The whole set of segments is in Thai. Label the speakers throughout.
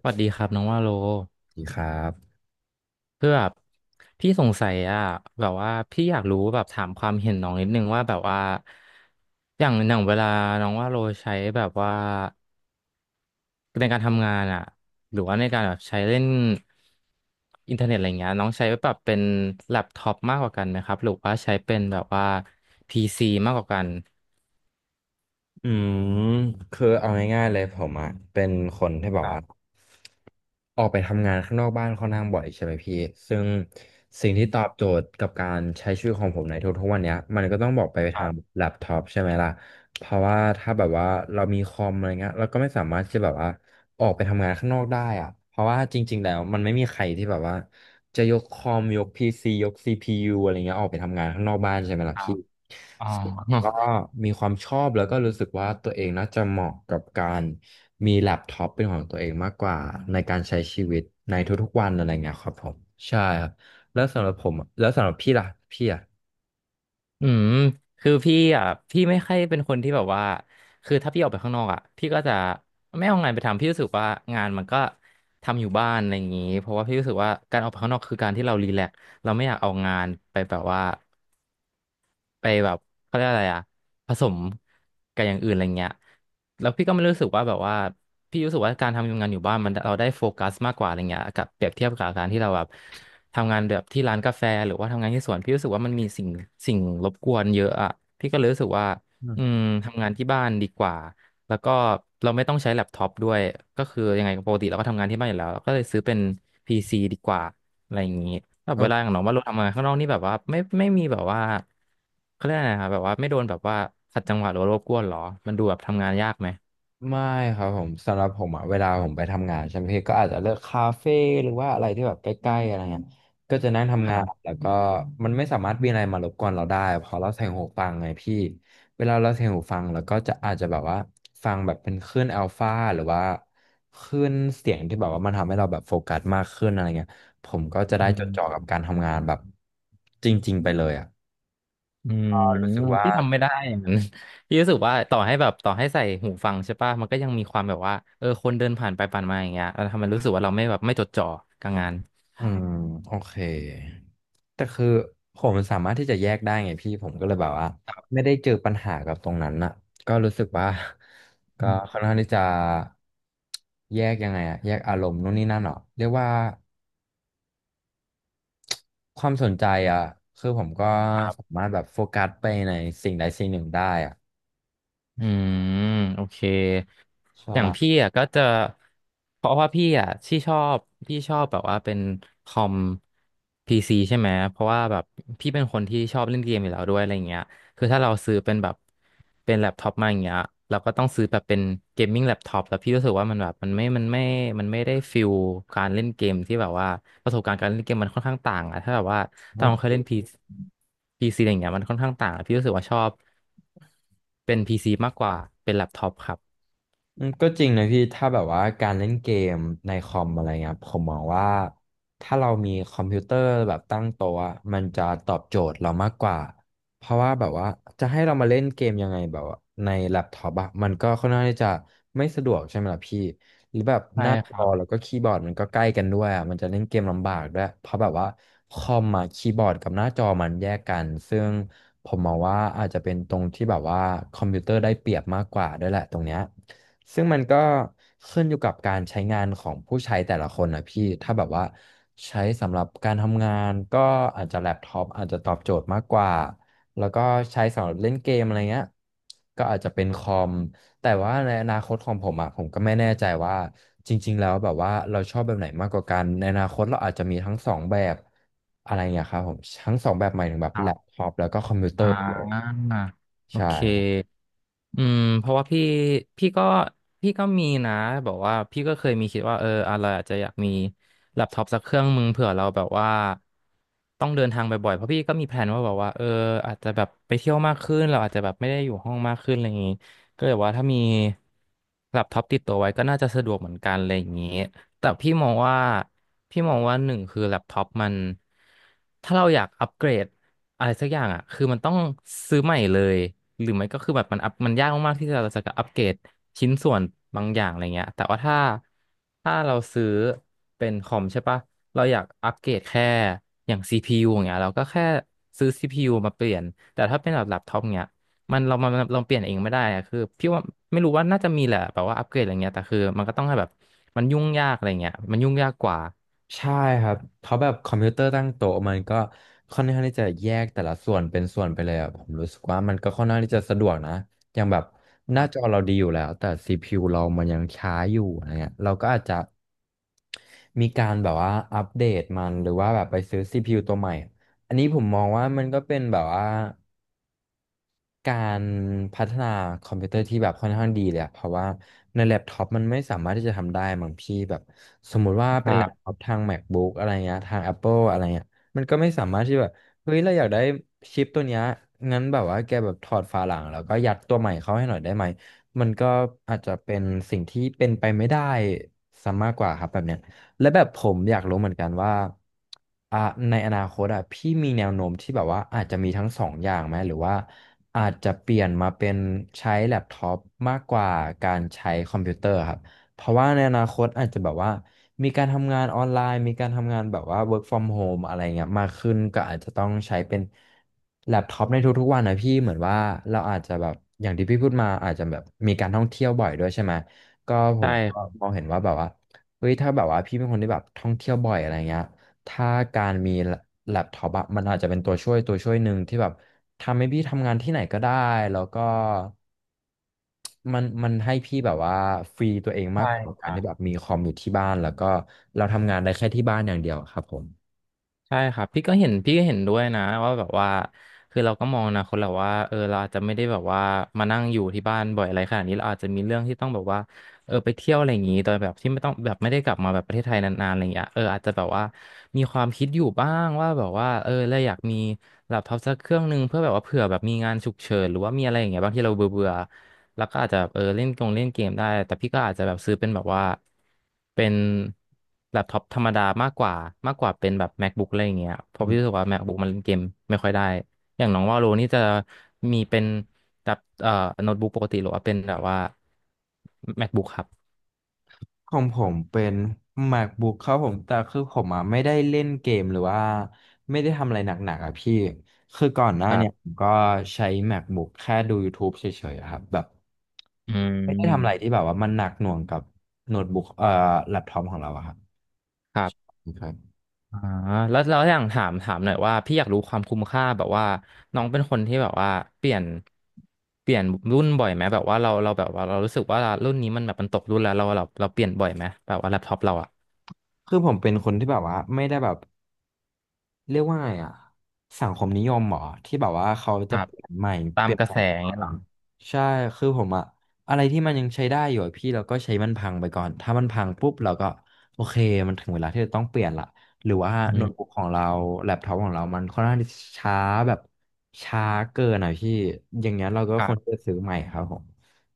Speaker 1: สวัสดีครับน้องว่าโล
Speaker 2: ดีครับ
Speaker 1: เพื่อแบบพี่สงสัยอะแบบว่าพี่อยากรู้แบบถามความเห็นน้องนิดนึงว่าแบบว่าอย่างเวลาน้องว่าโลใช้แบบว่าในการทำงานอะหรือว่าในการแบบใช้เล่นอินเทอร์เน็ตอะไรเงี้ยน้องใช้แบบเป็นแล็ปท็อปมากกว่ากันไหมครับหรือว่าใช้เป็นแบบว่าพีซีมากกว่ากัน
Speaker 2: อืมคือเอาง่ายๆเลยผมอ่ะเป็นคนที่แบ
Speaker 1: ค
Speaker 2: บ
Speaker 1: รั
Speaker 2: ว่า
Speaker 1: บ
Speaker 2: ออกไปทำงานข้างนอกบ้านค่อนข้างบ่อยใช่ไหมพี่ ซึ่งสิ่งที่ตอบโจทย์กับการใช้ชีวิตของผมในทุกๆวันเนี้ยมันก็ต้องบอกไป
Speaker 1: ค
Speaker 2: ทา
Speaker 1: รั
Speaker 2: ง
Speaker 1: บ
Speaker 2: แล็ปท็อปใช่ไหมล่ะเพราะว่าถ้าแบบว่าเรามีคอมอะไรเงี้ยเราก็ไม่สามารถที่จะแบบว่าออกไปทำงานข้างนอกได้อ่ะเพราะว่าจริงๆแล้วมันไม่มีใครที่แบบว่าจะยกคอมยกพีซียกซีพียูอะไรเงี้ยออกไปทำงานข้างนอกบ้านใช่ไหมล่ะ
Speaker 1: ครั
Speaker 2: พี่
Speaker 1: บอ๋อ
Speaker 2: ก็มีความชอบแล้วก็รู้สึกว่าตัวเองน่าจะเหมาะกับการมีแล็ปท็อปเป็นของตัวเองมากกว่าในการใช้ชีวิตในทุกๆวันอะไรเงี้ยครับผมใช่ครับแล้วสำหรับผมอะแล้วสำหรับพี่ล่ะพี่อ่ะ
Speaker 1: อืมคือพี่อ่ะพี่ไม่ค่อยเป็นคนที่แบบว่าคือถ้าพี่ออกไปข้างนอกอ่ะพี่ก็จะไม่เอางานไปทำพี่รู้สึกว่างานมันก็ทำอยู่บ้านอะไรอย่างนี้เพราะว่าพี่รู้สึกว่าการออกไปข้างนอกคือการที่เรารีแลกซ์เราไม่อยากเอางานไปแบบว่า ไปแบบเขาเรียกอะไรอะผสมกับอย่างอื่นอะไรเงี้ยแล้วพี่ก็ไม่รู้สึกว่าแบบว่าพี่รู้สึกว่าการทำงานอยู่บ้านมันเราได้โฟกัสมากกว่าอะไรเงี้ยกับเปรียบเทียบกับการที่เราแบบทำงานแบบที่ร้านกาแฟหรือว่าทำงานที่สวนพี่รู้สึกว่ามันมีสิ่งรบกวนเยอะอะพี่ก็เลยรู้สึกว่าอื
Speaker 2: อื
Speaker 1: มทำงานที่บ้านดีกว่าแล้วก็เราไม่ต้องใช้แล็ปท็อปด้วยก็คือยังไงปกติเราก็ทำงานที่บ้านอยู่แล้วก็เลยซื้อเป็น PC ดีกว่า อะไรอย่างนี้แบบเวลาขอ
Speaker 2: ม
Speaker 1: ย่างน้องว่าเราทำงานข้างนอกนี่แบบว่าไม่มีแบบว่าเขาเรียกอะไรนะครับแบบว่าไม่โดนแบบว่าขัดจังหวะหรือว่ารบกวนหรอ มันดูแบบทำงานยากไหม
Speaker 2: ไม่ครับผมสำหรับผมอะเวลาผมไปทำงานใช่ไหมพี่ก็อาจจะเลือกคาเฟ่หรือว่าอะไรที่แบบใกล้ๆอะไรเงี้ยก็จะนั่ง
Speaker 1: ค
Speaker 2: ทำงาน
Speaker 1: รับ
Speaker 2: แล้วก็มันไม่สามารถมีอะไรมารบกวนเราได้เพอเราใส่หูฟังไงพี่เวลาเราใส่หูฟังแล้วก็จะอาจจะแบบว่าฟังแบบเป็นคลื่นอัลฟาหรือว่าคลื่นเสียงที่แบบว่ามันทำให้เราแบบโฟกัสมากขึ้นอะไรเงี้ยผมก็จะได้
Speaker 1: อื
Speaker 2: จดจ่อ
Speaker 1: ม
Speaker 2: กับการทำงานแบบจริงๆไปเลยอ่ะ
Speaker 1: อืม
Speaker 2: ก็รู้สึกว่า
Speaker 1: ที่ทำไม่ได้อย่างนั้น ที่รู้สึกว่าต่อให้แบบต่อให้ใส่หูฟังใช่ป่ะมันก็ยังมีความแบบว่าเออคนเดินผ่านไปผ่านมาอย่างเงี้ยเราทำให้รู้สึกว่าเราไม่แบบไม่จดจ่อกับงาน
Speaker 2: อืมโอเคแต่คือผมสามารถที่จะแยกได้ไงพี่ผมก็เลยแบบว่าไม่ได้เจอปัญหากับตรงนั้นน่ะก็รู้สึกว่า ก็
Speaker 1: อืม
Speaker 2: ค่อนข้างที่จะแยกยังไงอะแยกอารมณ์นู่นนี่นั่นเหรอเรียกว่าความสนใจอะคือผมก็สามารถแบบโฟกัสไปในสิ่งใดสิ่งหนึ่งได้อะ
Speaker 1: อืมโอเค
Speaker 2: ใช่
Speaker 1: อย่างพี่อ่ะก็จะเพราะว่าพี่อ่ะที่ชอบพี่ชอบแบบว่าเป็นคอมพีซีใช่ไหมเพราะว่าแบบพี่เป็นคนที่ชอบเล่นเกมอยู่แล้วด้วยอะไรเงี้ยคือถ้าเราซื้อเป็นแบบเป็นแล็ปท็อปมาอย่างเงี้ยเราก็ต้องซื้อแบบเป็นเกมมิ่งแล็ปท็อปแล้วพี่รู้สึกว่ามันแบบมันไม่ได้ฟิลการเล่นเกมที่แบบว่าประสบการณ์การเล่นเกมมันค่อนข้างต่างอะถ้าแบบว่าต
Speaker 2: โอ
Speaker 1: อนเราเค
Speaker 2: เค
Speaker 1: ยเล่นพีซีอะไรเงี้ยมันค่อนข้างต่างอะพี่รู้สึกว่าชอบ เป็น PC มากกว่าเป็นแล็ปท็อปครับ
Speaker 2: ก็จริงนะพี่ถ้าแบบว่าการเล่นเกมในคอมอะไรเงี้ยครับผมมองว่าถ้าเรามีคอมพิวเตอร์แบบตั้งโต๊ะอะมันจะตอบโจทย์เรามากกว่าเพราะว่าแบบว่าจะให้เรามาเล่นเกมยังไงแบบว่าในแล็ปท็อปอะมันก็ค่อนข้างที่จะไม่สะดวกใช่ไหมล่ะพี่หรือแบบ
Speaker 1: ใช่
Speaker 2: หน้า
Speaker 1: ค
Speaker 2: จ
Speaker 1: รั
Speaker 2: อ
Speaker 1: บ
Speaker 2: แล้วก็คีย์บอร์ดมันก็ใกล้กันด้วยอะมันจะเล่นเกมลำบากด้วยเพราะแบบว่าคอมอะคีย์บอร์ดกับหน้าจอมันแยกกันซึ่งผมมองว่าอาจจะเป็นตรงที่แบบว่าคอมพิวเตอร์ได้เปรียบมากกว่าด้วยแหละตรงเนี้ย ซึ่งมันก็ขึ้นอยู่กับการใช้งานของผู้ใช้แต่ละคนนะพี่ถ้าแบบว่าใช้สำหรับการทำงานก็อาจจะแล็ปท็อปอาจจะตอบโจทย์มากกว่าแล้วก็ใช้สำหรับเล่นเกมอะไรเงี้ยก็อาจจะเป็นคอมแต่ว่าในอนาคตของผมอ่ะผมก็ไม่แน่ใจว่าจริงๆแล้วแบบว่าเราชอบแบบไหนมากกว่ากันในอนาคตเราอาจจะมีทั้งสองแบบอะไรเงี้ยครับผมทั้งสองแบบหมายถึงแบบ
Speaker 1: ครั
Speaker 2: แล็ป
Speaker 1: บ
Speaker 2: ท็อปแล้วก็คอมพิวเตอ
Speaker 1: อ่
Speaker 2: ร์
Speaker 1: า
Speaker 2: ใ
Speaker 1: โอเค
Speaker 2: ช่
Speaker 1: เพราะว่าพี่พี่ก็พี่ก็มีนะแบบว่าพี่ก็เคยมีคิดว่าเอออะไราอาจจะอยากมีแล็ปท็อปสักเครื่องมึงเผื่อเราแบบว่าต้องเดินทางบ่อยๆเพราะพี่ก็มีแผนว่าแบบว่าเอออาจจะแบบไปเที่ยวมากขึ้นเราอาจจะแบบไม่ได้อยู่ห้องมากขึ้นอะไรอย่างงี้ก็เลยว่าถ้ามีแล็ปท็อปติดตัวไว้ก็น่าจะสะดวกเหมือนกันอะไรอย่างงี้ แต่พี่มองว่าหนึ่งคือแล็ปท็อปมันถ้าเราอยากอัปเกรดอะไรสักอย่างอ่ะคือมันต้องซื้อใหม่เลยหรือไม่ก็คือแบบมันอัพมันยากมากๆที่เราจะอัปเกรดชิ้นส่วนบางอย่างอะไรเงี้ยแต่ว่าถ้าเราซื้อเป็นคอมใช่ปะเราอยากอัปเกรดแค่อย่าง CPU อย่างเงี้ยเราก็แค่ซื้อ CPU มาเปลี่ยนแต่ถ้าเป็นแบบแล็ปท็อปเงี้ย มันเราเปลี่ยนเองไม่ได้อะคือพี่ว่าไม่รู้ว่าน่าจะมีแหละแบบว่าอัปเกรดอะไรเงี้ยแต่คือมันก็ต้องให้แบบมันยุ่งยากอะไรเงี้ยมันยุ่งยากกว่า
Speaker 2: ใช่ครับเพราะแบบคอมพิวเตอร์ตั้งโต๊ะมันก็ค่อนข้างที่จะแยกแต่ละส่วนเป็นส่วนไปเลยอะผมรู้สึกว่ามันก็ค่อนข้างที่จะสะดวกนะอย่างแบบหน้า
Speaker 1: ค
Speaker 2: จอเราดีอยู่แล้วแต่ CPU เรามันยังช้าอยู่อะไรเงี้ยเราก็อาจจะมีการแบบว่าอัปเดตมันหรือว่าแบบไปซื้อ CPU ตัวใหม่อันนี้ผมมองว่ามันก็เป็นแบบว่า การพัฒนาคอมพิวเตอร์ที่แบบค่อนข้างดีเลยอะเพราะว่าในแล็ปท็อปมันไม่สามารถที่จะทำได้มั้งพี่แบบสมมุติว่า
Speaker 1: รั
Speaker 2: เป็นแล็
Speaker 1: บ
Speaker 2: ปท็อปทาง MacBook อะไรเงี้ยทาง Apple อะไรเงี้ยมันก็ไม่สามารถที่แบบเฮ้ยเราอยากได้ชิปตัวเนี้ยงั้นแบบว่าแกแบบถอดฝาหลังแล้วก็ยัดตัวใหม่เข้าให้หน่อยได้ไหมมันก็อาจจะเป็นสิ่งที่เป็นไปไม่ได้ซะมากกว่าครับแบบเนี้ย และแบบผมอยากรู้เหมือนกันว่าอ่ะในอนาคตอ่ะพี่มีแนวโน้มที่แบบว่าอาจจะมีทั้งสองอย่างไหมหรือว่าอาจจะเปลี่ยนมาเป็นใช้แล็ปท็อปมากกว่าการใช้คอมพิวเตอร์ครับเพราะว่าในอนาคตอาจจะแบบว่ามีการทำงานออนไลน์มีการทำงานแบบว่า work from home อะไรเงี้ยมากขึ้นก็อาจจะต้องใช้เป็นแล็ปท็อปในทุกๆวันนะพี่เหมือนว่าเราอาจจะแบบอย่างที่พี่พูดมาอาจจะแบบมีการท่องเที่ยวบ่อยด้วยใช่ไหมก็ผมก็
Speaker 1: ใช่
Speaker 2: มองเห็นว่าแบบว่า เฮ้ยถ้าแบบว่าพี่เป็นคนที่แบบท่องเที่ยวบ่อยอะไรเงี้ยถ้าการมีแล็ปท็อปอะมันอาจจะเป็นตัวช่วยหนึ่งที่แบบทำให้พี่ทำงานที่ไหนก็ได้แล้วก็มันให้พี่แบบว่าฟรีตัวเองมา
Speaker 1: ใช่
Speaker 2: กกว่า
Speaker 1: ค
Speaker 2: การ
Speaker 1: รั
Speaker 2: ที่แบบ
Speaker 1: บ
Speaker 2: มีคอมอยู่ที่บ้านแล้วก็เราทำงานได้แค่ที่บ้านอย่างเดียวครับผม
Speaker 1: ใช่ครับพี่ก็เห็นด้วยนะว่าแบบว่าคือเราก็มองอนะคนเราว่าเออเราอาจจะไม่ได้แบบว่ามานั่งอยู่ที่บ้านบ่อยอะไรขนาดนี้เราอาจจะมีเรื่องที่ต้องแบบว่าเออไปเที่ยวอะไรอย่างนี้โดยแบบที่ไม่ต้องแบบไม่ได้กลับมาแบบประเทศไทยนานๆอะไรอย่างเงี้ยเอออาจจะแบบว่ามีความคิดอยู่บ้างว่าแบบว่าเออเราอยากมีแล็ปท็อปสักเครื่องหนึ่งเพื่อแบบว่าเผื่อแบบมีงานฉุกเฉินหรือว่ามีอะไรอย่างเงี้ยบางที่เราเบื่อๆ แล้วก็อาจจะเล่นเกมได้แต่พี่ก็อาจจะแบบซื้อเป็นแบบว่าเป็นแล็ปท็อปธรรมดามากกว่าเป็นแบบ MacBook อะไรอย่างเงี้ยเพราะพี่รู้สึกว่า MacBook มันเล่นเกมไม่ค่อยได้อย่างน้องว่าโลนี่จะมีเป็นแบบโน้ตบุ๊กปกติหรือว่าเป็นแบบว่า MacBook ครับ
Speaker 2: ของผมเป็น MacBook ครับผมแต่คือผมอ่ะไม่ได้เล่นเกมหรือว่าไม่ได้ทำอะไรหนักๆอ่ะพี่คือก่อนหน้า
Speaker 1: ครั
Speaker 2: เนี่
Speaker 1: บ
Speaker 2: ยผมก็ใช้ MacBook แค่ดู YouTube เฉยๆอะครับแบบ
Speaker 1: อื
Speaker 2: ไม่ได้ทำอะไร
Speaker 1: ม
Speaker 2: ที่แบบว่ามันหนักหน่วงกับโน้ตบุ๊กแล็ปท็อปของเราอะครับ
Speaker 1: ครับ
Speaker 2: ครับ
Speaker 1: อ่าแล้วอย่างถามหน่อยว่าพี่อยากรู้ความคุ้มค่าแบบว่าน้องเป็นคนที่แบบว่าเปลี่ยนเปลี่ยนรุ่นบ่อยไหมแบบว่าเราแบบว่าเรารู้สึกว่ารุ่นนี้มันแบบมันตกรุ่นแล้วเราเปลี่ยนบ่อยไหมแบบว่าแล็ปท็อปเราอะ
Speaker 2: คือผมเป็นคนที่แบบว่าไม่ได้แบบ เรียกว่าไงอ่ะสังคมนิยมเหรอที่แบบว่าเขา
Speaker 1: ค
Speaker 2: จะ
Speaker 1: รั
Speaker 2: เป
Speaker 1: บ
Speaker 2: ลี่ยนใหม่
Speaker 1: ตา
Speaker 2: เป
Speaker 1: ม
Speaker 2: ลี่ยน
Speaker 1: กระ
Speaker 2: แปล
Speaker 1: แส
Speaker 2: งต
Speaker 1: อย่า
Speaker 2: ล
Speaker 1: ง
Speaker 2: อ
Speaker 1: เงี้ยเหรอ
Speaker 2: ดใช่คือผมอะอะไรที่มันยังใช้ได้อยู่อะพี่เราก็ใช้มันพังไปก่อนถ้ามันพังปุ๊บเราก็โอเคมันถึงเวลาที่จะต้องเปลี่ยนละหรือว่า
Speaker 1: อื
Speaker 2: โน้ตบุ๊
Speaker 1: ม
Speaker 2: กของเราแล็ปท็อปของเรามันค่อนข้างที่จะช้าแบบช้าเกินอ่ะพี่อย่างเงี้ยเราก็
Speaker 1: ค
Speaker 2: ค
Speaker 1: รั
Speaker 2: วรจะ
Speaker 1: บ
Speaker 2: ซื้อใหม่ครับผม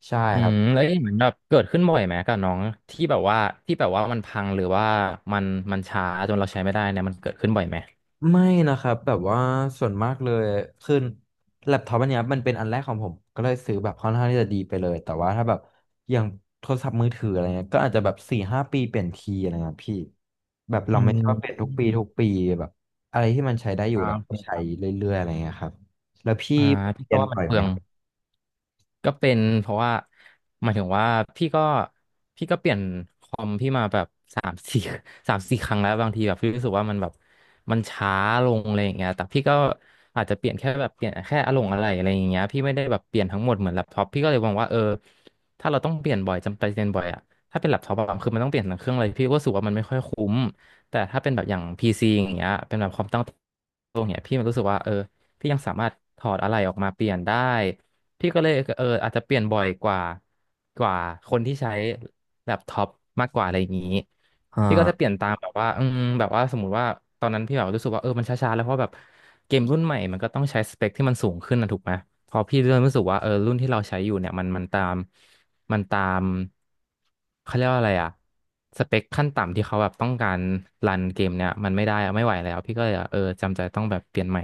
Speaker 2: ใช่
Speaker 1: อื
Speaker 2: ครับ
Speaker 1: มแล้วเอ๊ะเหมือนแบบเกิดขึ้นบ่อยไหมกับน้องที่แบบว่าที่แบบว่ามันพังหรือว่ามันมันช้าจนเราใช้ไม่ได้เนี่ยมันเกิดขึ้นบ่อยไหม
Speaker 2: ไม่นะครับแบบว่าส่วนมากเลยคือแล็ปท็อปอันเนี้ยมันเป็นอันแรกของผมก็เลยซื้อแบบค่อนข้างที่จะดีไปเลยแต่ว่าถ้าแบบอย่างโทรศัพท์มือถืออะไรเงี้ยก็อาจจะแบบสี่ห้าปีเปลี่ยนทีอะไรเงี้ยพี่แบบ
Speaker 1: อื
Speaker 2: เราไม่
Speaker 1: ม
Speaker 2: ชอบเปลี่ยน
Speaker 1: อ
Speaker 2: ทุกปีทุก
Speaker 1: ม
Speaker 2: ปีแบบอะไรที่มันใช้ได้อยู่
Speaker 1: อ่า
Speaker 2: เรา
Speaker 1: โอเค
Speaker 2: ก็
Speaker 1: ค
Speaker 2: ใช้
Speaker 1: รับ
Speaker 2: เรื่อยๆอะไรเงี้ยครับแล้วพี่
Speaker 1: อ่าพี่
Speaker 2: เป
Speaker 1: ก็
Speaker 2: ลี่ยน
Speaker 1: ว่ามั
Speaker 2: บ่อ
Speaker 1: น
Speaker 2: ย
Speaker 1: เป
Speaker 2: ไห
Speaker 1: ลื
Speaker 2: ม
Speaker 1: อง
Speaker 2: ครับ
Speaker 1: ก็เป็นเพราะว่าหมายถึงว่าพี่ก็พี่ก็เปลี่ยนคอมพี่มาแบบสามสี่ 3-4ครั้งแล้วบางทีแบบพี่รู้สึกว่ามันแบบมันช้าลงอะไรอย่างเงี้ยแต่พี่ก็อาจจะเปลี่ยนแค่อารมณ์อะไรอะไรอย่างเงี้ยพี่ไม่ได้แบบเปลี่ยนทั้งหมดเหมือนแล็ปท็อปพี่ก็เลยมองว่าเออถ้าเราต้องเปลี่ยนบ่อยจำเป็นเปลี่ยนบ่อยอะถ้าเป็นแล็ปท็อปอะคือมันต้องเปลี่ยนทั้งเครื่องเลยพี่ก็รู้สึกว่ามันไม่ค่อยคุ้มแต่ถ้าเป็นแบบอย่างพีซ c อย่างเงี้ยเป็นแบบความตั้งตรงเนี้ยพี่มันรู้สึกว่าเออพี่ยังสามารถถอดอะไรออกมาเปลี่ยนได้ พี่ก็เลยอาจจะเปลี่ยนบ่อยกว่าคนที่ใช้แล็ปท็อปมากกว่าอะไรอย่างนี้
Speaker 2: อ่
Speaker 1: พี่ก็จะเปลี่
Speaker 2: า
Speaker 1: ยนตามแบบว่าอืมแบบว่าสมมุติว่าตอนนั้นพี่แบบรู้สึกว่าเออมันช้าๆแล้วเพราะแบบเกมรุ่นใหม่มันก็ต้องใช้สเปคที่มันสูงขึ้นนะถูกไหมพอพี่เริ่มรู้สึกว่าเออรุ่นที่เราใช้อยู่เนี่ยมันตาม มันตามเขาเรียกว่าอะไรอะสเปคขั้นต่ำที่เขาแบบต้องการรันเกมเนี่ยมันไม่ได้อะไม่ไหวแล้วพี่ก็เลยแบบเออจำใจต้องแบบเปลี่ยนใหม่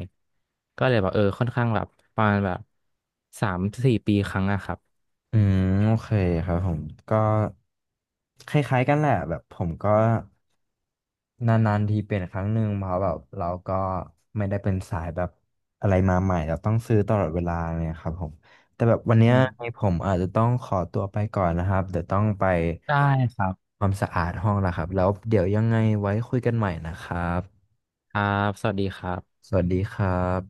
Speaker 1: ก็เลยแบบเออค่อนข้างแบบประมาณแบบ3-4 ปีครั้งอะครับ
Speaker 2: อืมโอเคครับผมก็คล้ายๆกันแหละแบบผมก็ นานๆทีเป็นครั้งหนึ่งเพราะแบบเราก็ไม่ได้เป็นสายแบบอะไรมาใหม่เราต้องซื้อตลอดเวลาเนี่ยครับผมแต่แบบวัน
Speaker 1: อื
Speaker 2: เนี้ยให้
Speaker 1: ม
Speaker 2: ผมอาจจะต้องขอตัวไปก่อนนะครับเดี๋ยวต้องไป
Speaker 1: ได้ครับ
Speaker 2: ความสะอาดห้องแล้วครับแล้วเดี๋ยวยังไงไว้คุยกันใหม่นะครับ
Speaker 1: ครับสวัสดีครับ
Speaker 2: สวัสดีครับ